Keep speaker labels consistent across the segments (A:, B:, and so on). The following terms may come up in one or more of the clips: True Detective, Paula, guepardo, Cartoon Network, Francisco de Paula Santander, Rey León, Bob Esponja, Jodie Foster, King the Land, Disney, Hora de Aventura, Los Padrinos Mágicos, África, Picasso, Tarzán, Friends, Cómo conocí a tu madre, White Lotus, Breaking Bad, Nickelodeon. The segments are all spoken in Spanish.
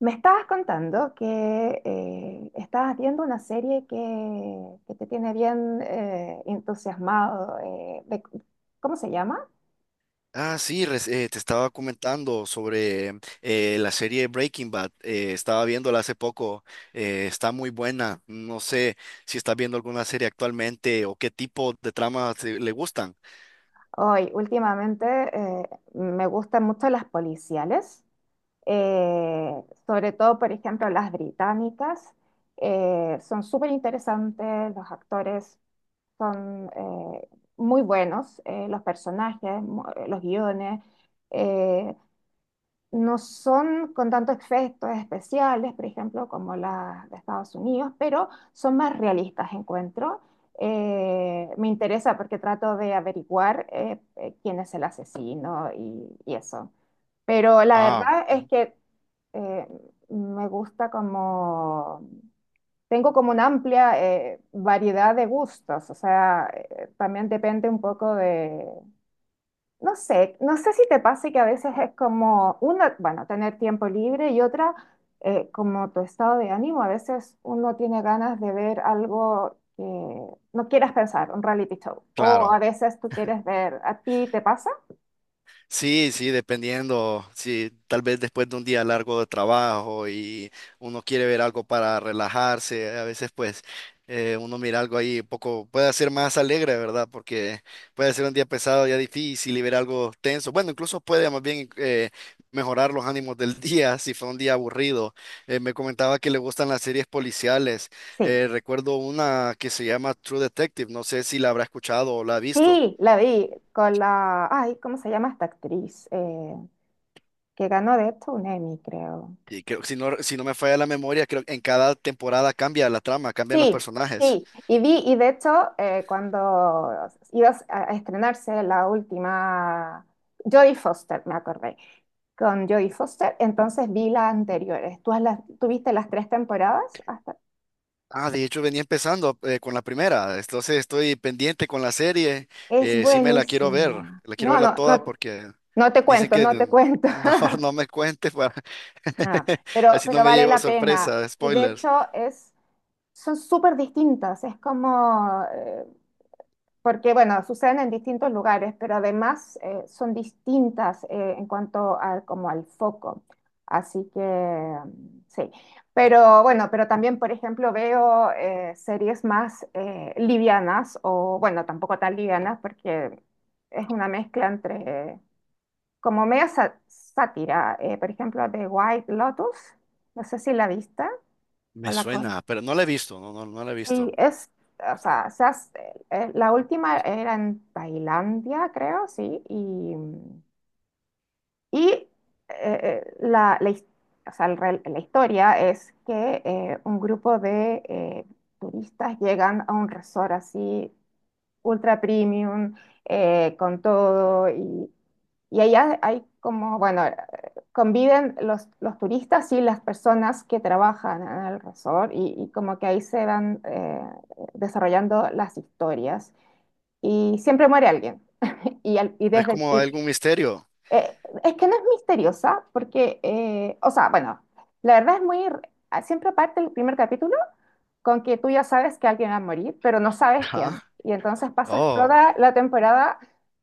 A: Me estabas contando que estabas viendo una serie que te tiene bien entusiasmado. ¿Cómo se llama?
B: Ah, sí, te estaba comentando sobre la serie Breaking Bad. Estaba viéndola hace poco. Está muy buena. No sé si estás viendo alguna serie actualmente o qué tipo de tramas le gustan.
A: Hoy, últimamente me gustan mucho las policiales, eh, sobre todo, por ejemplo, las británicas. Son súper interesantes, los actores son muy buenos, los personajes, los guiones. eh, no son con tantos efectos especiales, por ejemplo, como las de Estados Unidos, pero son más realistas, encuentro. Me interesa porque trato de averiguar quién es el asesino y eso. Pero la
B: Ah,
A: verdad es
B: ujú,
A: que eh, me gusta como, tengo como una amplia variedad de gustos, o sea, también depende un poco, no sé si te pasa que a veces es como una, bueno, tener tiempo libre y otra, como tu estado de ánimo. A veces uno tiene ganas de ver algo que no quieras pensar, un reality show. O a
B: claro.
A: veces tú quieres ver, ¿a ti te pasa?
B: Sí, sí, dependiendo. Sí, tal vez después de un día largo de trabajo y uno quiere ver algo para relajarse, a veces pues uno mira algo ahí un poco, puede ser más alegre, ¿verdad? Porque puede ser un día pesado, ya difícil y ver algo tenso. Bueno, incluso puede más bien mejorar los ánimos del día si fue un día aburrido. Me comentaba que le gustan las series policiales.
A: Sí,
B: Recuerdo una que se llama True Detective, no sé si la habrá escuchado o la ha visto.
A: sí, la vi con la, ay, ¿cómo se llama esta actriz? Que ganó de esto un Emmy, creo.
B: Y creo que si no me falla la memoria, creo que en cada temporada cambia la trama, cambian los
A: Sí,
B: personajes.
A: sí, y vi, y de hecho, cuando iba a estrenarse la última, Jodie Foster, me acordé, con Jodie Foster, entonces vi las anteriores. ¿Tú viste las tres temporadas? Hasta...
B: Ah, de hecho venía empezando con la primera, entonces estoy pendiente con la serie,
A: Es
B: sí me la quiero ver,
A: buenísima.
B: la quiero
A: No,
B: verla
A: no,
B: toda
A: no,
B: porque
A: no te
B: dicen
A: cuento,
B: que
A: no te cuento.
B: mejor no me cuentes para...
A: No, pero,
B: así no
A: pero
B: me
A: vale
B: llevo
A: la pena.
B: sorpresa,
A: Y de
B: spoilers.
A: hecho, es, son súper distintas. Es como, porque bueno, suceden en distintos lugares, pero además son distintas en cuanto al, como al foco. Así que mm, sí. Pero bueno, pero también, por ejemplo, veo series más livianas, o bueno, tampoco tan livianas, porque es una mezcla entre, eh, como media sátira, por ejemplo, de White Lotus, no sé si la vista o
B: Me
A: la.
B: suena, pero no la he visto, no la he
A: Sí,
B: visto.
A: es, o sea, la última era en Tailandia, creo, sí, y eh, la, la his- o sea, la historia es que un grupo de turistas llegan a un resort así ultra premium, con todo. Y allá hay como, bueno, conviven los turistas y las personas que trabajan en el resort y como que ahí se van desarrollando las historias. Y siempre muere alguien. Y, al- y
B: Es
A: desde...
B: como algún
A: y-
B: misterio.
A: eh, es que no es misteriosa porque, o sea, bueno, la verdad es muy... Siempre parte el primer capítulo con que tú ya sabes que alguien va a morir, pero no sabes quién.
B: Ajá.
A: Y entonces pasas
B: Oh,
A: toda la temporada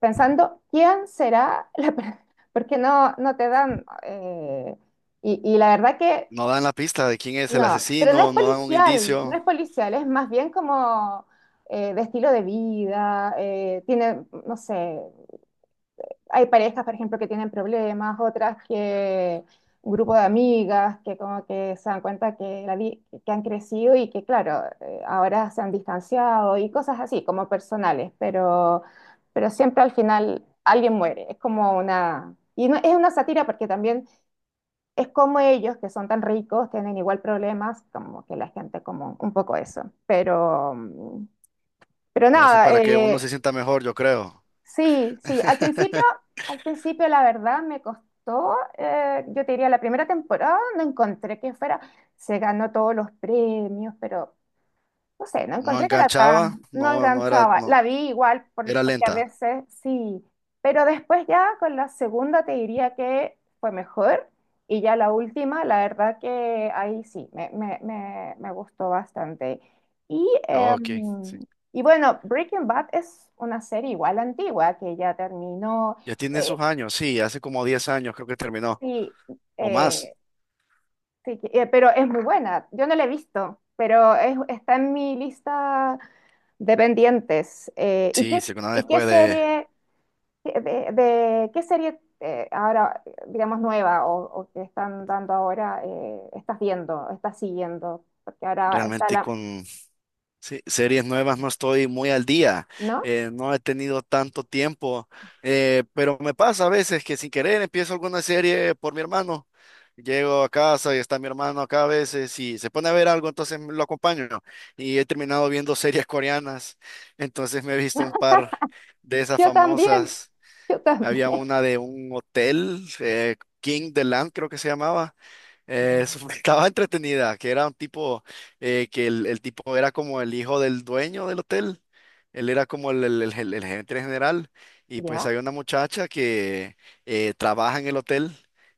A: pensando quién será porque no te dan. Y la verdad que
B: no dan la pista de quién es el
A: no, pero no es
B: asesino, no dan un
A: policial, no
B: indicio.
A: es policial, es más bien como de estilo de vida, tiene, no sé, hay parejas, por ejemplo, que tienen problemas, otras que un grupo de amigas que como que se dan cuenta que han crecido y que, claro, ahora se han distanciado y cosas así, como personales, pero siempre al final alguien muere. Es como una... Y no, es una sátira porque también es como ellos, que son tan ricos, tienen igual problemas, como que la gente como un poco eso. Pero
B: Lo hacen
A: nada,
B: para que uno se sienta mejor, yo creo.
A: sí, sí, al principio, al principio la verdad me costó, yo te diría la primera temporada no encontré que fuera, se ganó todos los premios, pero no sé, no
B: No
A: encontré que era
B: enganchaba,
A: tan, no enganchaba.
B: no,
A: La vi igual,
B: era
A: porque a
B: lenta.
A: veces sí, pero después ya con la segunda te diría que fue mejor y ya la última, la verdad que ahí sí, me gustó bastante. Y,
B: Ok, sí.
A: em, y bueno, Breaking Bad es una serie igual antigua que ya terminó,
B: Ya tiene
A: eh,
B: sus años, sí, hace como 10 años creo que terminó,
A: sí,
B: o
A: eh,
B: más.
A: sí, pero es muy buena. Yo no la he visto, pero está en mi lista Dependientes. ¿Y qué,
B: Sí, segunda
A: y
B: vez
A: qué
B: puede
A: serie, de, qué serie ahora, digamos, nueva o que están dando ahora, estás viendo, estás siguiendo? Porque ahora está
B: realmente
A: la...
B: con sí, series nuevas no estoy muy al día,
A: ¿No?
B: no he tenido tanto tiempo, pero me pasa a veces que sin querer empiezo alguna serie por mi hermano. Llego a casa y está mi hermano acá a veces y se pone a ver algo, entonces lo acompaño, ¿no? Y he terminado viendo series coreanas, entonces me he visto un par de esas
A: Yo también,
B: famosas.
A: yo
B: Había
A: también.
B: una de un hotel, King the Land creo que se llamaba.
A: Mm.
B: Estaba entretenida, que era un tipo, el tipo era como el hijo del dueño del hotel. Él era como el gerente general. Y pues
A: ¿Ya?
B: había una muchacha que trabaja en el hotel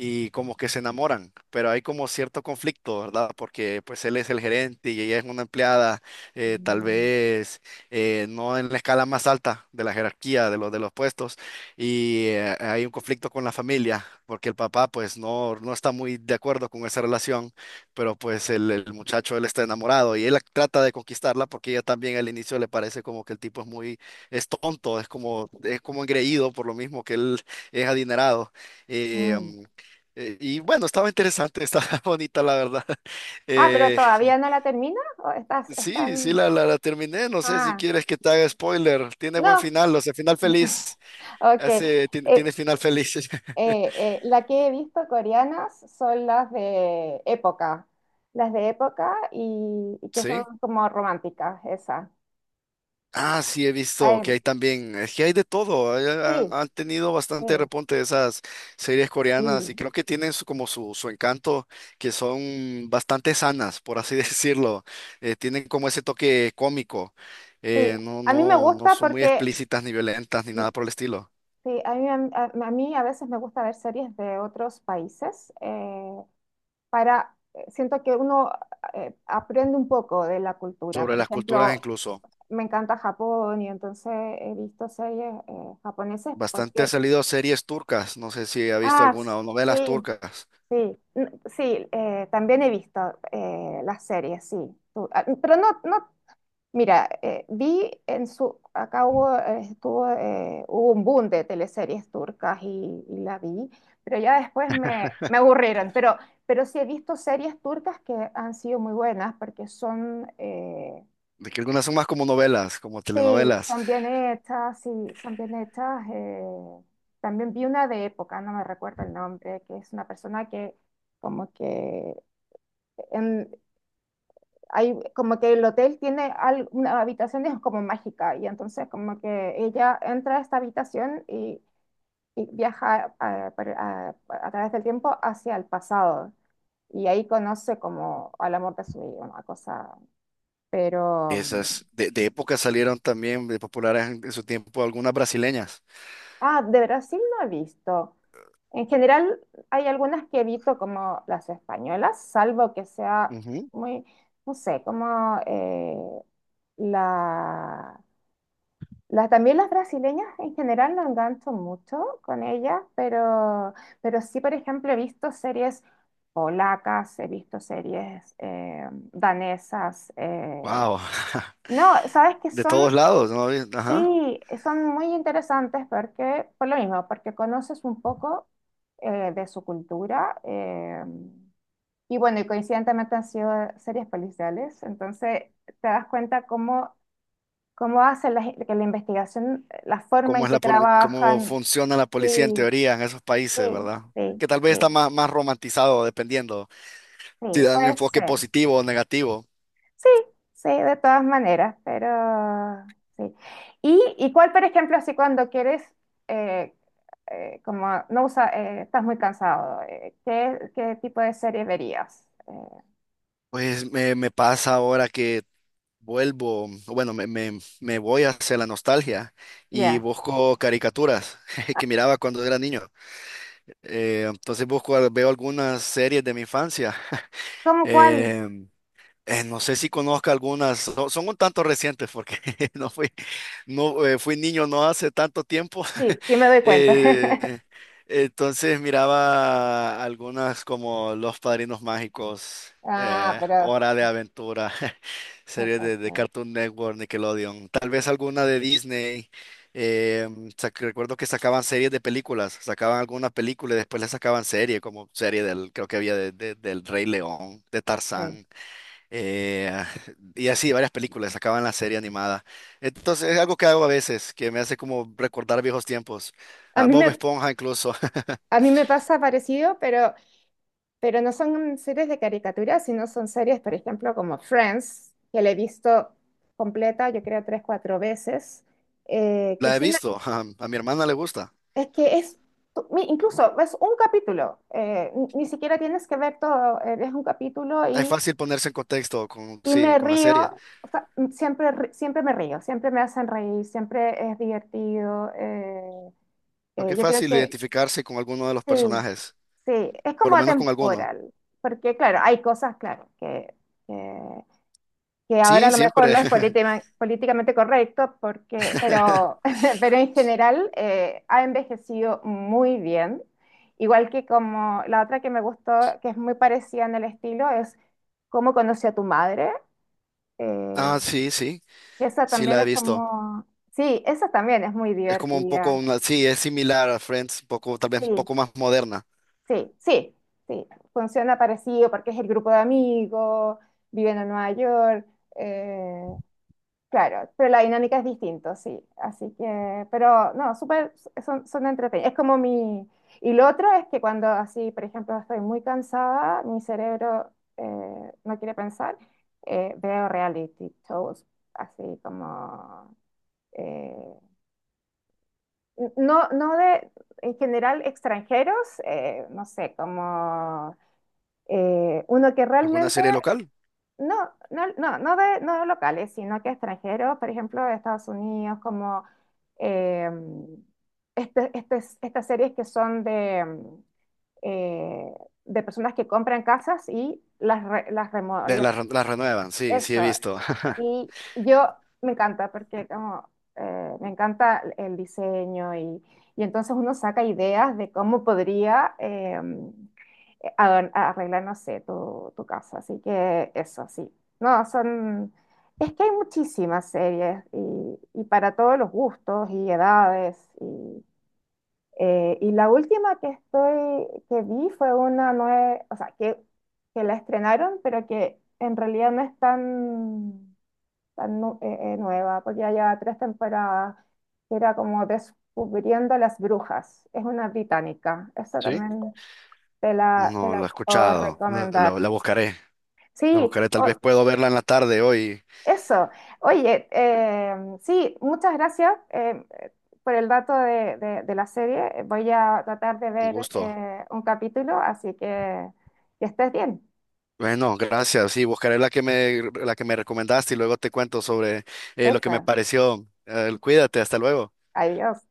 B: y como que se enamoran, pero hay como cierto conflicto, ¿verdad? Porque pues él es el gerente y ella es una empleada, tal
A: Mm,
B: vez no en la escala más alta de la jerarquía de los puestos y hay un conflicto con la familia, porque el papá pues no, no está muy de acuerdo con esa relación, pero pues el muchacho él está enamorado y él trata de conquistarla porque ella también al inicio le parece como que el tipo es muy, es tonto, es como engreído por lo mismo que él es adinerado. Eh,
A: mm.
B: um, y bueno, estaba interesante, estaba bonita la verdad.
A: Ah, pero
B: Eh,
A: todavía
B: y-
A: no la termina o estás,
B: Sí, sí,
A: están...
B: la terminé. No sé si
A: Ah,
B: quieres que te haga spoiler. Tiene buen
A: no,
B: final, o sea, final feliz.
A: ok. Eh,
B: Tiene final feliz.
A: La que he visto coreanas son las de época y que son
B: Sí.
A: como románticas, esas.
B: Ah, sí, he visto
A: Ay,
B: que hay también, es que hay de todo.
A: sí,
B: Han tenido
A: sí,
B: bastante repunte esas series
A: sí,
B: coreanas y creo que tienen como su encanto, que son bastante sanas, por así decirlo. Tienen como ese toque cómico.
A: sí. A mí me
B: No
A: gusta
B: son muy
A: porque,
B: explícitas ni violentas ni
A: mm,
B: nada por el estilo.
A: sí, a mí a veces me gusta ver series de otros países para, siento que uno aprende un poco de la cultura.
B: Sobre
A: Por
B: las culturas
A: ejemplo,
B: incluso.
A: me encanta Japón y entonces he visto series japonesas
B: Bastante han
A: porque.
B: salido series turcas. No sé si ha visto
A: Ah,
B: alguna o novelas
A: sí,
B: turcas.
A: sí, sí, también he visto las series, sí. Pero no, no, mira, vi en su, acá hubo, estuvo, hubo un boom de teleseries turcas y la vi, pero ya después me aburrieron. Pero sí he visto series turcas que han sido muy buenas porque son,
B: De que algunas son más como novelas, como
A: sí,
B: telenovelas.
A: son bien hechas, sí, son bien hechas. También vi una de época, no me recuerdo el nombre, que es una persona que como que en- hay, como que el hotel tiene una habitación es como mágica y entonces como que ella entra a esta habitación y viaja a través del tiempo hacia el pasado y ahí conoce como al amor de su vida, una cosa, pero...
B: Esas de época salieron también de populares en su tiempo algunas brasileñas.
A: Ah, de Brasil no he visto. En general, hay algunas que evito como las españolas, salvo que sea
B: Ujú.
A: muy, no sé, como la, también las brasileñas en general no engancho mucho con ellas, pero sí, por ejemplo, he visto series polacas, he visto series danesas.
B: Wow,
A: No, sabes que
B: de todos
A: son.
B: lados, ¿no? Ajá.
A: Sí, son muy interesantes porque, por lo mismo, porque conoces un poco de su cultura y bueno, y coincidentemente han sido series policiales, entonces te das cuenta cómo, cómo hacen la, que la investigación, la forma
B: ¿Cómo
A: en
B: es
A: que
B: cómo
A: trabajan.
B: funciona la policía en
A: Sí,
B: teoría en esos países,
A: sí,
B: ¿verdad?
A: sí,
B: Que tal vez
A: sí,
B: está más romantizado, dependiendo si
A: sí,
B: da un
A: puede
B: enfoque
A: ser.
B: positivo o negativo.
A: Sí, sí, de todas maneras, pero sí. ¿Y cuál, por ejemplo, así cuando quieres, eh, como no usa, estás muy cansado, ¿qué tipo de serie verías?
B: Pues me pasa ahora que vuelvo, bueno, me voy hacia la nostalgia y
A: Ya.
B: busco caricaturas que miraba cuando era niño. Entonces busco, veo algunas series de mi infancia.
A: ¿Cómo cuál?
B: Eh, no sé si conozca algunas, son un tanto recientes porque no fui, no, fui niño no hace tanto tiempo.
A: Sí, sí me doy cuenta.
B: Eh, entonces miraba algunas como Los Padrinos Mágicos,
A: Ah, pero...
B: Hora de Aventura, series de
A: perfecto,
B: Cartoon Network, Nickelodeon, tal vez alguna de Disney. Eh, Recuerdo que sacaban series de películas, sacaban alguna película y después le sacaban serie, como serie del, creo que había del Rey León, de
A: sí.
B: Tarzán. Eh, y así, varias películas, acaban la serie animada. Entonces, es algo que hago a veces, que me hace como recordar viejos tiempos.
A: A
B: Ah,
A: mí
B: Bob
A: me,
B: Esponja incluso,
A: a mí me pasa parecido, pero no son series de caricaturas, sino son series, por ejemplo, como Friends, que la he visto completa, yo creo, tres, cuatro veces, que
B: la he
A: es una,
B: visto, ah, a mi hermana le gusta.
A: es que es, incluso es un capítulo, ni siquiera tienes que ver todo, es un capítulo
B: Es
A: y,
B: fácil ponerse en contexto con,
A: y
B: sí,
A: me
B: con la serie,
A: río, o sea, siempre, siempre me río, siempre me hacen reír, siempre es divertido,
B: porque es
A: yo creo
B: fácil
A: que
B: identificarse con alguno de los
A: sí,
B: personajes,
A: sí, es
B: por
A: como
B: lo menos con alguno.
A: atemporal, porque claro, hay cosas, claro, que... que que ahora a
B: Sí,
A: lo mejor
B: siempre.
A: no es políticamente correcto, porque, pero, pero en general ha envejecido muy bien. Igual que como la otra que me gustó, que es muy parecida en el estilo, es Cómo conocí a tu madre. eh,
B: Ah,
A: Esa
B: sí
A: también
B: la he
A: es
B: visto.
A: como... Sí, esa también es muy
B: Es como un poco
A: divertida.
B: una, sí, es similar a Friends, un poco, tal vez un
A: Sí,
B: poco más moderna.
A: sí, sí, sí. Funciona parecido porque es el grupo de amigos, viven en Nueva York. eh, Claro, pero la dinámica es distinta, sí. Así que, pero no, súper, son entretenidos. Es como mi... Y lo otro es que cuando así, por ejemplo, estoy muy cansada, mi cerebro no quiere pensar, veo reality shows, así como... eh, no, no de, en general, extranjeros, no sé, como uno que
B: ¿Alguna
A: realmente
B: serie local?
A: no, no, no, no de, no de locales, sino que extranjeros, por ejemplo, de Estados Unidos, como eh, este- este- estas series que son de, eh, de personas que compran casas y las, las
B: La renuevan, sí, sí
A: Eso,
B: he visto.
A: y yo me encanta porque como me encanta el diseño y entonces uno saca ideas de cómo podría a arreglar, no sé, tu casa. Así que eso, sí. No, son... Es que hay muchísimas series y para todos los gustos y edades. Y la última que estoy, que vi fue una nueva, o sea, que la estrenaron, pero que en realidad no es tan nueva, porque ya lleva tres temporadas, que era como Descubriendo las Brujas. Es una británica. Esa
B: ¿Sí?
A: también te la, te
B: No, la he
A: la puedo
B: escuchado.
A: recomendar.
B: La buscaré. La
A: Sí,
B: buscaré. Tal vez puedo verla en la tarde hoy.
A: eso. Oye, sí, muchas gracias por el dato de la serie. Voy a tratar de
B: Un
A: ver
B: gusto.
A: un capítulo, así que estés bien.
B: Bueno, gracias. Sí, buscaré la que me recomendaste y luego te cuento sobre lo que me
A: Esa.
B: pareció. Cuídate, hasta luego.
A: Adiós.